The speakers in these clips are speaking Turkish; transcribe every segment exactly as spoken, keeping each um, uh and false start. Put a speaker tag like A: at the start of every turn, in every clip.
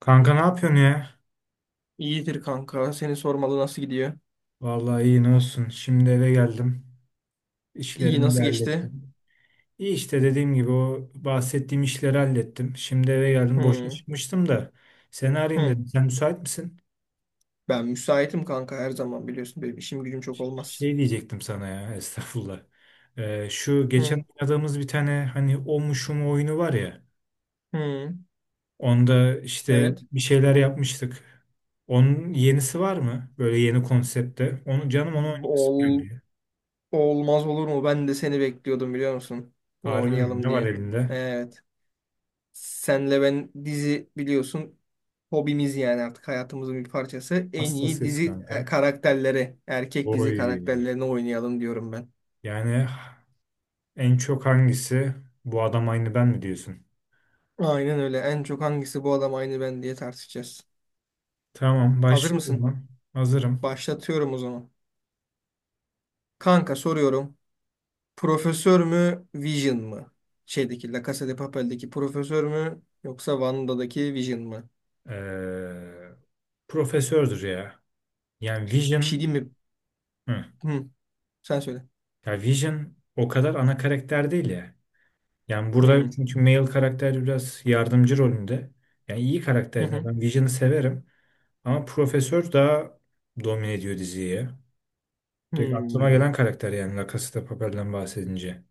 A: Kanka ne yapıyorsun ya?
B: İyidir kanka. Seni sormalı, nasıl gidiyor?
A: Vallahi iyi ne olsun. Şimdi eve geldim.
B: İyi,
A: İşlerimi de
B: nasıl geçti?
A: hallettim. İyi işte dediğim gibi o bahsettiğim işleri hallettim. Şimdi eve geldim. Boşa
B: Hı,
A: çıkmıştım da seni arayayım
B: hı.
A: dedim. Sen müsait misin?
B: Ben müsaitim kanka, her zaman biliyorsun. Benim işim gücüm çok olmaz.
A: Şey diyecektim sana ya estağfurullah. Ee, şu
B: Hı,
A: geçen oynadığımız bir tane hani o mu şu mu oyunu var ya.
B: hı.
A: Onda işte
B: Evet.
A: bir şeyler yapmıştık. Onun yenisi var mı? Böyle yeni konsepte. Onu canım onu oynayasım
B: Ol,
A: gelmiyor.
B: olmaz olur mu? Ben de seni bekliyordum, biliyor musun? Bunu
A: Harbi mi?
B: oynayalım
A: Ne var
B: diye.
A: elinde?
B: Evet. Senle ben dizi biliyorsun. Hobimiz, yani artık hayatımızın bir parçası. En iyi
A: Hastasıyız
B: dizi e,
A: kanka.
B: karakterleri, erkek dizi
A: Oy.
B: karakterlerini oynayalım diyorum ben.
A: Yani en çok hangisi? Bu adam aynı ben mi diyorsun?
B: Aynen öyle. En çok hangisi bu adam aynı ben diye tartışacağız.
A: Tamam
B: Hazır
A: başlıyorum
B: mısın?
A: lan. Hazırım.
B: Başlatıyorum o zaman. Kanka soruyorum. Profesör mü, Vision mı? Şeydeki La Casa de Papel'deki profesör mü, yoksa Wanda'daki Vision mı?
A: Ee, Profesördür ya. Yani
B: Bir şey
A: Vision
B: diyeyim mi?
A: hı.
B: Hı, sen söyle.
A: Ya Vision o kadar ana karakter değil ya. Yani burada
B: Hı,
A: çünkü male karakter biraz yardımcı rolünde. Yani iyi
B: hı,
A: karakterine
B: hı,
A: ben Vision'ı severim. Ama Profesör daha domine ediyor diziyi ya. Tek aklıma
B: hı.
A: gelen karakter yani La Casa de Papel'den bahsedince.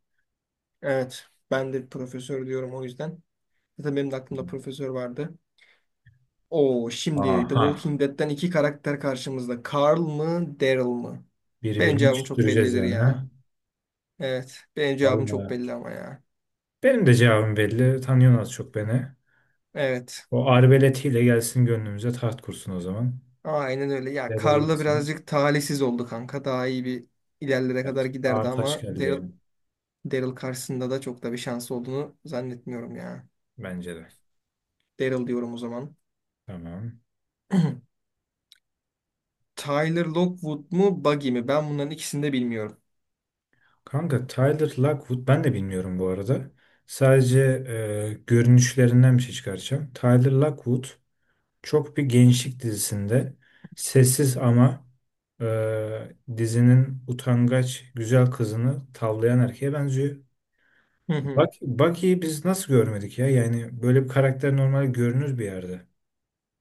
B: Evet, ben de profesör diyorum o yüzden. Zaten benim de aklımda profesör vardı. Oo, şimdi The
A: Aha.
B: Walking Dead'ten iki karakter karşımızda. Carl mı, Daryl mı? Benim
A: Birbirini
B: cevabım çok
A: küstüreceğiz
B: bellidir
A: yani,
B: ya.
A: ha?
B: Evet, benim cevabım çok
A: Vallahi.
B: belli ama ya.
A: Benim de cevabım belli. Tanıyorsun az çok beni.
B: Evet.
A: O arbeletiyle gelsin gönlümüze taht kursun o zaman.
B: Aynen öyle. Ya
A: Ya da
B: Karla
A: Jackson.
B: birazcık talihsiz oldu kanka. Daha iyi bir ilerlere kadar
A: Evet.
B: giderdi
A: Ağır taş
B: ama
A: geldi
B: Daryl,
A: yani.
B: Daryl karşısında da çok da bir şansı olduğunu zannetmiyorum ya.
A: Bence de.
B: Daryl diyorum o zaman.
A: Tamam.
B: Tyler Lockwood mu, Buggy mi? Ben bunların ikisini de bilmiyorum.
A: Kanka Tyler Lockwood ben de bilmiyorum bu arada. Sadece e, görünüşlerinden bir şey çıkaracağım. Tyler Lockwood çok bir gençlik dizisinde sessiz ama e, dizinin utangaç güzel kızını tavlayan erkeğe benziyor.
B: Hı hı.
A: Bak, Bucky'yi biz nasıl görmedik ya? Yani böyle bir karakter normal görünür bir yerde.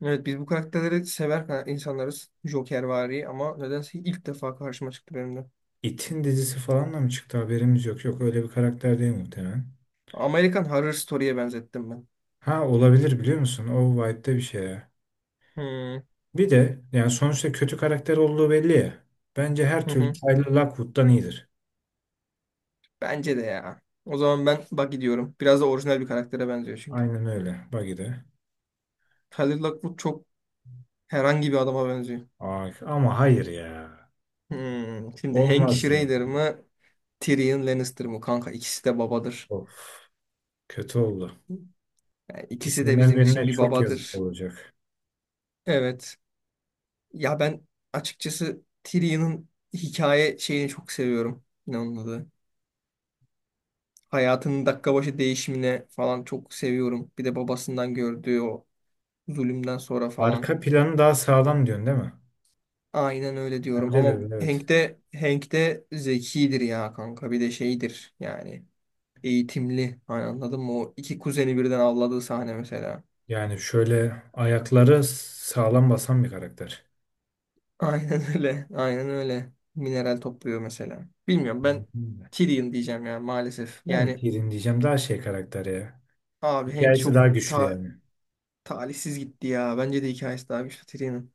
B: Evet, biz bu karakterleri sever ka- insanlarız. Jokervari ama nedense ilk defa karşıma çıktı benim de.
A: It'in dizisi falan da mı çıktı haberimiz yok. Yok öyle bir karakter değil muhtemelen.
B: American Horror Story'ye benzettim ben.
A: Ha olabilir biliyor musun? O vibe'de bir şey ya.
B: Hı
A: Bir de yani sonuçta kötü karakter olduğu belli ya. Bence her
B: hı,
A: türlü
B: hı.
A: Tyler Lockwood'dan iyidir.
B: Bence de ya. O zaman ben Buggy diyorum. Biraz da orijinal bir karaktere benziyor çünkü.
A: Aynen öyle Bucky'de.
B: Tyler Lockwood çok herhangi bir adama benziyor.
A: Ay, ama hayır ya.
B: Hmm, Şimdi Hank
A: Olmaz ya.
B: Schrader mı? Tyrion Lannister mı? Kanka ikisi de babadır.
A: Of, kötü oldu.
B: Yani ikisi de
A: İkisinden
B: bizim için
A: birine
B: bir
A: çok yazık
B: babadır.
A: olacak.
B: Evet. Ya ben açıkçası Tyrion'un hikaye şeyini çok seviyorum. Ne onun adı? Hayatının dakika başı değişimine falan çok seviyorum. Bir de babasından gördüğü o zulümden sonra falan.
A: Arka planı daha sağlam diyorsun değil mi?
B: Aynen öyle diyorum
A: Bence de
B: ama
A: öyle
B: Hank
A: evet.
B: de Hank de zekidir ya kanka, bir de şeydir yani eğitimli. Hani anladın mı? O iki kuzeni birden avladığı sahne mesela.
A: Yani şöyle ayakları sağlam basan bir karakter.
B: Aynen öyle. Aynen öyle. Mineral topluyor mesela. Bilmiyorum,
A: Aynen
B: ben
A: öyle.
B: Tyrion diyeceğim ya maalesef.
A: Ben de
B: Yani
A: Tyrion diyeceğim daha şey karakter ya.
B: abi Hank
A: Hikayesi daha
B: çok
A: güçlü
B: ta
A: yani.
B: talihsiz gitti ya. Bence de hikayesi daha güçlü Tyrion'un.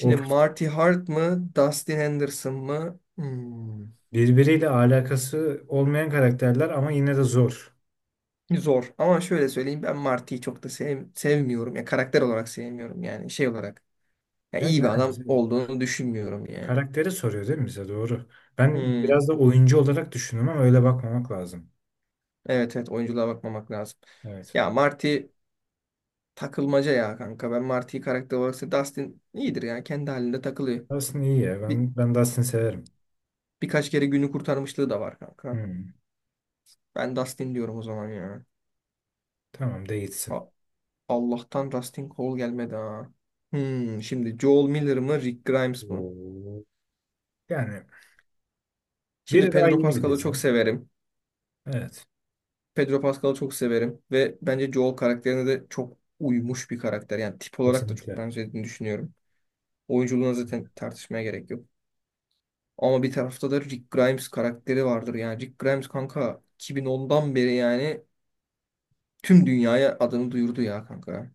A: O
B: Marty Hart mı? Dustin Henderson mı? Hmm,
A: birbiriyle alakası olmayan karakterler ama yine de zor.
B: zor. Ama şöyle söyleyeyim, ben Marty'yi çok da sev sevmiyorum. Ya karakter olarak sevmiyorum yani, şey olarak. Ya iyi
A: Gerçi
B: bir
A: aynen
B: adam
A: bize-
B: olduğunu düşünmüyorum yani.
A: karakteri soruyor değil mi bize doğru. Ben
B: Hmm.
A: biraz da oyuncu olarak düşündüm ama öyle bakmamak lazım.
B: Evet evet, oyunculuğa bakmamak lazım.
A: Evet.
B: Ya Marty takılmaca ya kanka. Ben Marty'yi karakter olarak sev- Dustin iyidir ya. Kendi halinde takılıyor.
A: Dustin iyi ya.
B: Bir,
A: Ben, ben Dustin'i severim.
B: birkaç kere günü kurtarmışlığı da var kanka.
A: Hmm.
B: Ben Dustin diyorum o zaman ya.
A: Tamam de gitsin.
B: A- Allah'tan Dustin Cole gelmedi ha. Hmm, şimdi Joel Miller mı, Rick Grimes mı?
A: Oo. Yani
B: Şimdi
A: biri daha
B: Pedro
A: yeni bir
B: Pascal'ı
A: dizi.
B: çok severim.
A: Evet.
B: Pedro Pascal'ı çok severim. Ve bence Joel karakterine de çok uymuş bir karakter. Yani tip olarak da çok
A: Kesinlikle.
B: benzediğini düşünüyorum. Oyunculuğuna zaten tartışmaya gerek yok. Ama bir tarafta da Rick Grimes karakteri vardır. Yani Rick Grimes kanka iki bin ondan beri yani tüm dünyaya adını duyurdu ya kanka.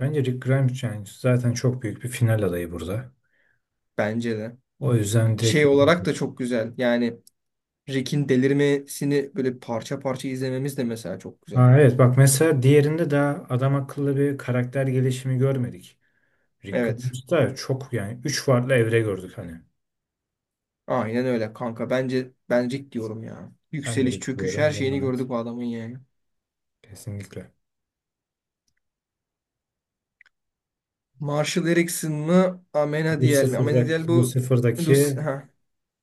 A: Bence Rick Grimes yani zaten çok büyük bir final adayı burada.
B: Bence de.
A: O yüzden direkt...
B: Şey olarak da çok güzel. Yani Rick'in delirmesini böyle parça parça izlememiz de mesela çok güzel.
A: Ha, evet bak mesela diğerinde daha adam akıllı bir karakter gelişimi görmedik. Rick
B: Evet.
A: Grimes'ta çok yani üç farklı evre gördük hani.
B: Aynen öyle kanka. Bence ben Rick diyorum ya.
A: Ben de
B: Yükseliş,
A: Rick
B: çöküş, her
A: diyorum.
B: şeyini
A: Devam et.
B: gördük bu adamın yani.
A: Kesinlikle.
B: Marshall Erickson mı? Amenadiel mi? Amenadiel
A: Lucifer'daki,
B: bu Lucy,
A: Lucifer'daki,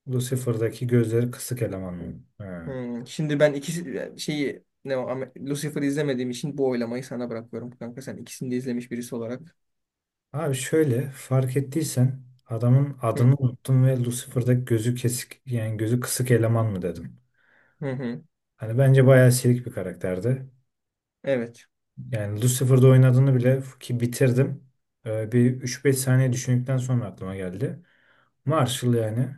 A: Lucifer'daki gözleri kısık eleman mı? Ha.
B: Hmm, şimdi ben ikisi şeyi ne o Ame- Lucifer'ı izlemediğim için bu oylamayı sana bırakıyorum kanka. Sen ikisini de izlemiş birisi olarak.
A: Abi şöyle fark ettiysen adamın
B: Hı
A: adını unuttum ve Lucifer'daki gözü kesik yani gözü kısık eleman mı dedim.
B: hı, hı.
A: Hani bence bayağı silik bir karakterdi.
B: Evet.
A: Yani Lucifer'da oynadığını bile ki bitirdim. Ee, bir üç beş saniye düşündükten sonra aklıma geldi. Marshall yani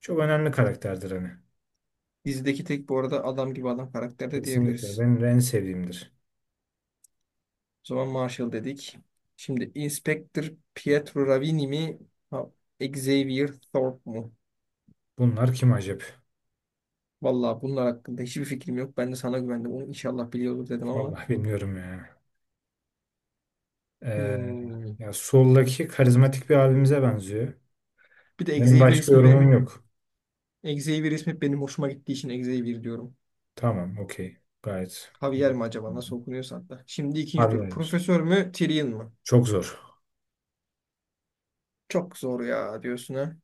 A: çok önemli karakterdir hani.
B: Dizideki tek bu arada adam gibi adam karakter de
A: Kesinlikle
B: diyebiliriz.
A: benim de en sevdiğimdir.
B: O zaman Marshall dedik. Şimdi Inspector Pietro Ravini mi? Ha, Xavier Thorpe mu?
A: Bunlar kim acaba?
B: Vallahi bunlar hakkında hiçbir fikrim yok. Ben de sana güvendim. Onu inşallah biliyordur dedim ama.
A: Vallahi bilmiyorum ya. Ee,
B: Hmm.
A: Ya soldaki karizmatik bir abimize benziyor.
B: Bir de
A: Benim
B: Xavier
A: başka
B: ismi
A: yorumum
B: benim
A: yok.
B: Xavier ismi benim hoşuma gittiği için Xavier diyorum.
A: Tamam, okey. Gayet.
B: Javier mi acaba, nasıl okunuyorsa hatta. Şimdi ikinci
A: Abi
B: tur.
A: yani
B: Profesör mü, Tyrion mu?
A: çok zor.
B: Çok zor ya diyorsun ha.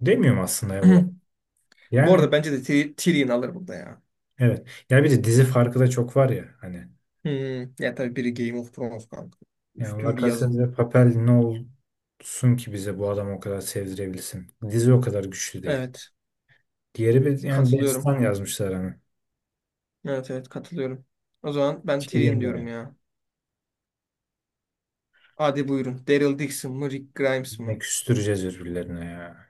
A: Demiyorum aslında ya bu arada.
B: Bu arada
A: Yani
B: bence de Tyr- Tyrion alır burada ya.
A: evet. Ya bir de dizi farkı da çok var ya hani.
B: Hmm, ya tabii biri Game of Thrones kanka.
A: Yani
B: Üstün bir
A: Lacazette
B: yazım.
A: ve Papel ne olsun ki bize bu adam o kadar sevdirebilsin. Dizi o kadar güçlü değil.
B: Evet.
A: Diğeri bir yani
B: Katılıyorum.
A: destan yazmışlar hani.
B: Evet evet, katılıyorum. O zaman ben Tyrion
A: Şeyinde
B: diyorum
A: ya.
B: ya. Hadi buyurun. Daryl Dixon mı, Rick Grimes
A: Ne
B: mı?
A: küstüreceğiz birbirlerine ya.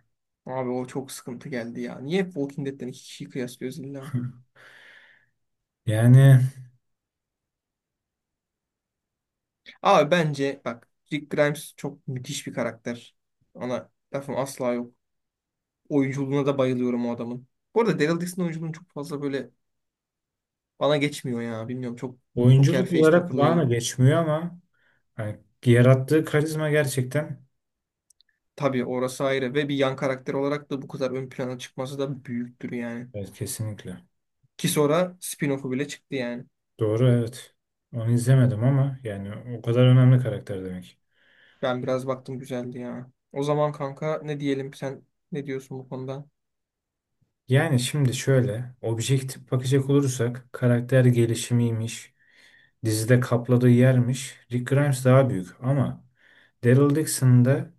B: Abi o çok sıkıntı geldi ya. Niye hep Walking Dead'den iki kişiyi kıyaslıyoruz illa?
A: Yani
B: Abi bence bak, Rick Grimes çok müthiş bir karakter. Ona lafım asla yok. Oyunculuğuna da bayılıyorum o adamın. Bu arada Daryl Dixon oyunculuğunu çok fazla böyle bana geçmiyor ya. Bilmiyorum, çok poker
A: oyunculuk
B: face
A: olarak bana
B: takılıyor.
A: geçmiyor ama hani yarattığı karizma gerçekten
B: Tabii orası ayrı, ve bir yan karakter olarak da bu kadar ön plana çıkması da büyüktür yani.
A: evet kesinlikle.
B: Ki sonra spin-off'u bile çıktı yani.
A: Doğru evet. Onu izlemedim ama yani o kadar önemli karakter demek.
B: Ben biraz baktım, güzeldi ya. O zaman kanka ne diyelim, sen ne diyorsun bu konuda?
A: Yani şimdi şöyle objektif bakacak olursak karakter gelişimiymiş. Dizide kapladığı yermiş. Rick Grimes daha büyük ama Daryl Dixon da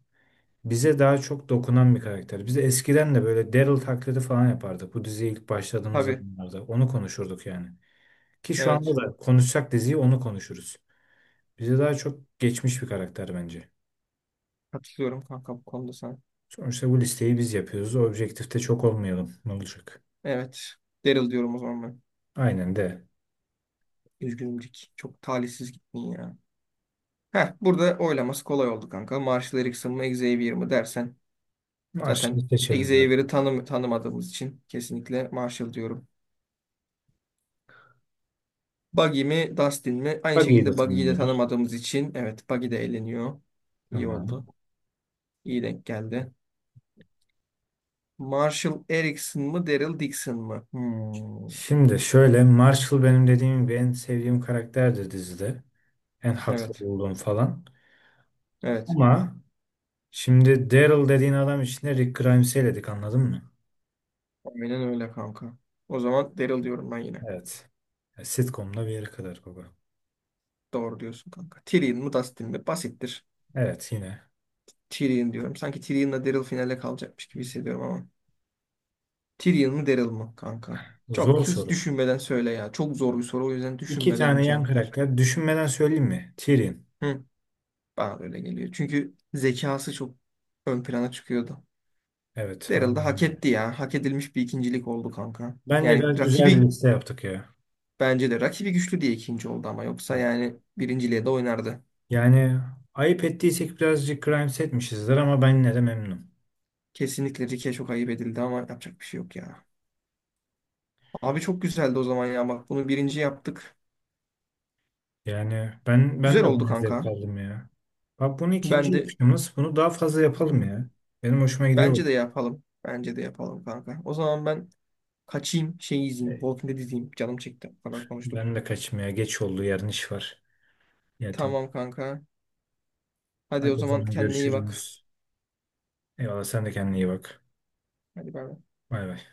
A: bize daha çok dokunan bir karakter. Biz de eskiden de böyle Daryl taklidi falan yapardık. Bu diziye ilk başladığımız
B: Tabii,
A: zamanlarda onu konuşurduk yani. Ki şu
B: evet,
A: anda da konuşsak diziyi onu konuşuruz. Bize daha çok geçmiş bir karakter bence.
B: katılıyorum kanka bu konuda sana.
A: Sonuçta bu listeyi biz yapıyoruz. Objektifte çok olmayalım. Ne olacak?
B: Evet, Daryl diyorum o zaman ben.
A: Aynen de.
B: Üzgünümcük. Çok talihsiz gittin ya. Heh, burada oylaması kolay oldu kanka. Marshall Erickson mı, Xavier mi dersen,
A: Marshall'ı
B: zaten
A: seçelim zaten.
B: Xavier'i tanım tanımadığımız için kesinlikle Marshall diyorum. Buggy mi, Dustin mi? Aynı
A: Buggy'yi de
B: şekilde Buggy'yi de
A: tanımlıyoruz.
B: tanımadığımız için, evet, Buggy de eğleniyor. İyi oldu.
A: Tamam.
B: İyi denk geldi. Marshall Erickson mı, Daryl Dixon mı? Hmm.
A: Şimdi şöyle Marshall benim dediğim gibi en sevdiğim karakterdir dizide. En haklı
B: Evet.
A: olduğum falan.
B: Evet.
A: Ama şimdi Daryl dediğin adam içinde Rick Grimes'i eledik anladın mı?
B: Aynen öyle kanka. O zaman Daryl diyorum ben yine.
A: Evet. Ya, Sitcom'da bir yere kadar baba.
B: Doğru diyorsun kanka. Tyrion mu, Dustin mi? Basittir.
A: Evet yine.
B: Tyrion diyorum. Sanki Tyrion'la Daryl finale kalacakmış gibi hissediyorum ama. Tyrion mu, Daryl mı kanka?
A: Zor
B: Çok hız
A: soru.
B: düşünmeden söyle ya. Çok zor bir soru, o yüzden
A: İki
B: düşünmeden bir
A: tane yan
B: cevap ver.
A: karakter. Düşünmeden söyleyeyim mi? Tyrion.
B: Hı, bana da öyle geliyor. Çünkü zekası çok ön plana çıkıyordu.
A: Evet
B: Daryl da
A: aynen
B: hak
A: öyle.
B: etti ya. Hak edilmiş bir ikincilik oldu kanka.
A: Bence
B: Yani
A: gayet güzel bir
B: rakibi
A: liste yaptık ya.
B: bence de rakibi güçlü diye ikinci oldu ama yoksa
A: Evet.
B: yani birinciliğe de oynardı.
A: Yani ayıp ettiysek birazcık Grimes etmişizdir ama ben yine de memnunum.
B: Kesinlikle Rick'e çok ayıp edildi ama yapacak bir şey yok ya. Abi çok güzeldi o zaman ya. Bak bunu birinci yaptık.
A: Yani ben ben
B: Güzel
A: de
B: oldu
A: buna zevk
B: kanka.
A: aldım ya. Bak bunu
B: Ben
A: ikinci
B: de.
A: yapışımız. Bunu daha fazla
B: Hı
A: yapalım
B: hı.
A: ya. Benim hoşuma gidiyor
B: Bence de yapalım. Bence de yapalım kanka. O zaman ben kaçayım, şey izleyeyim.
A: bu.
B: Walking Dead izleyeyim. Canım çekti falan kadar konuştuk.
A: Ben de kaçmaya geç oldu yarın iş var. Yetim.
B: Tamam kanka. Hadi o
A: Hadi o
B: zaman
A: zaman
B: kendine iyi bak.
A: görüşürüz. Eyvallah sen de kendine iyi bak.
B: Hadi bay bay.
A: Bay bay.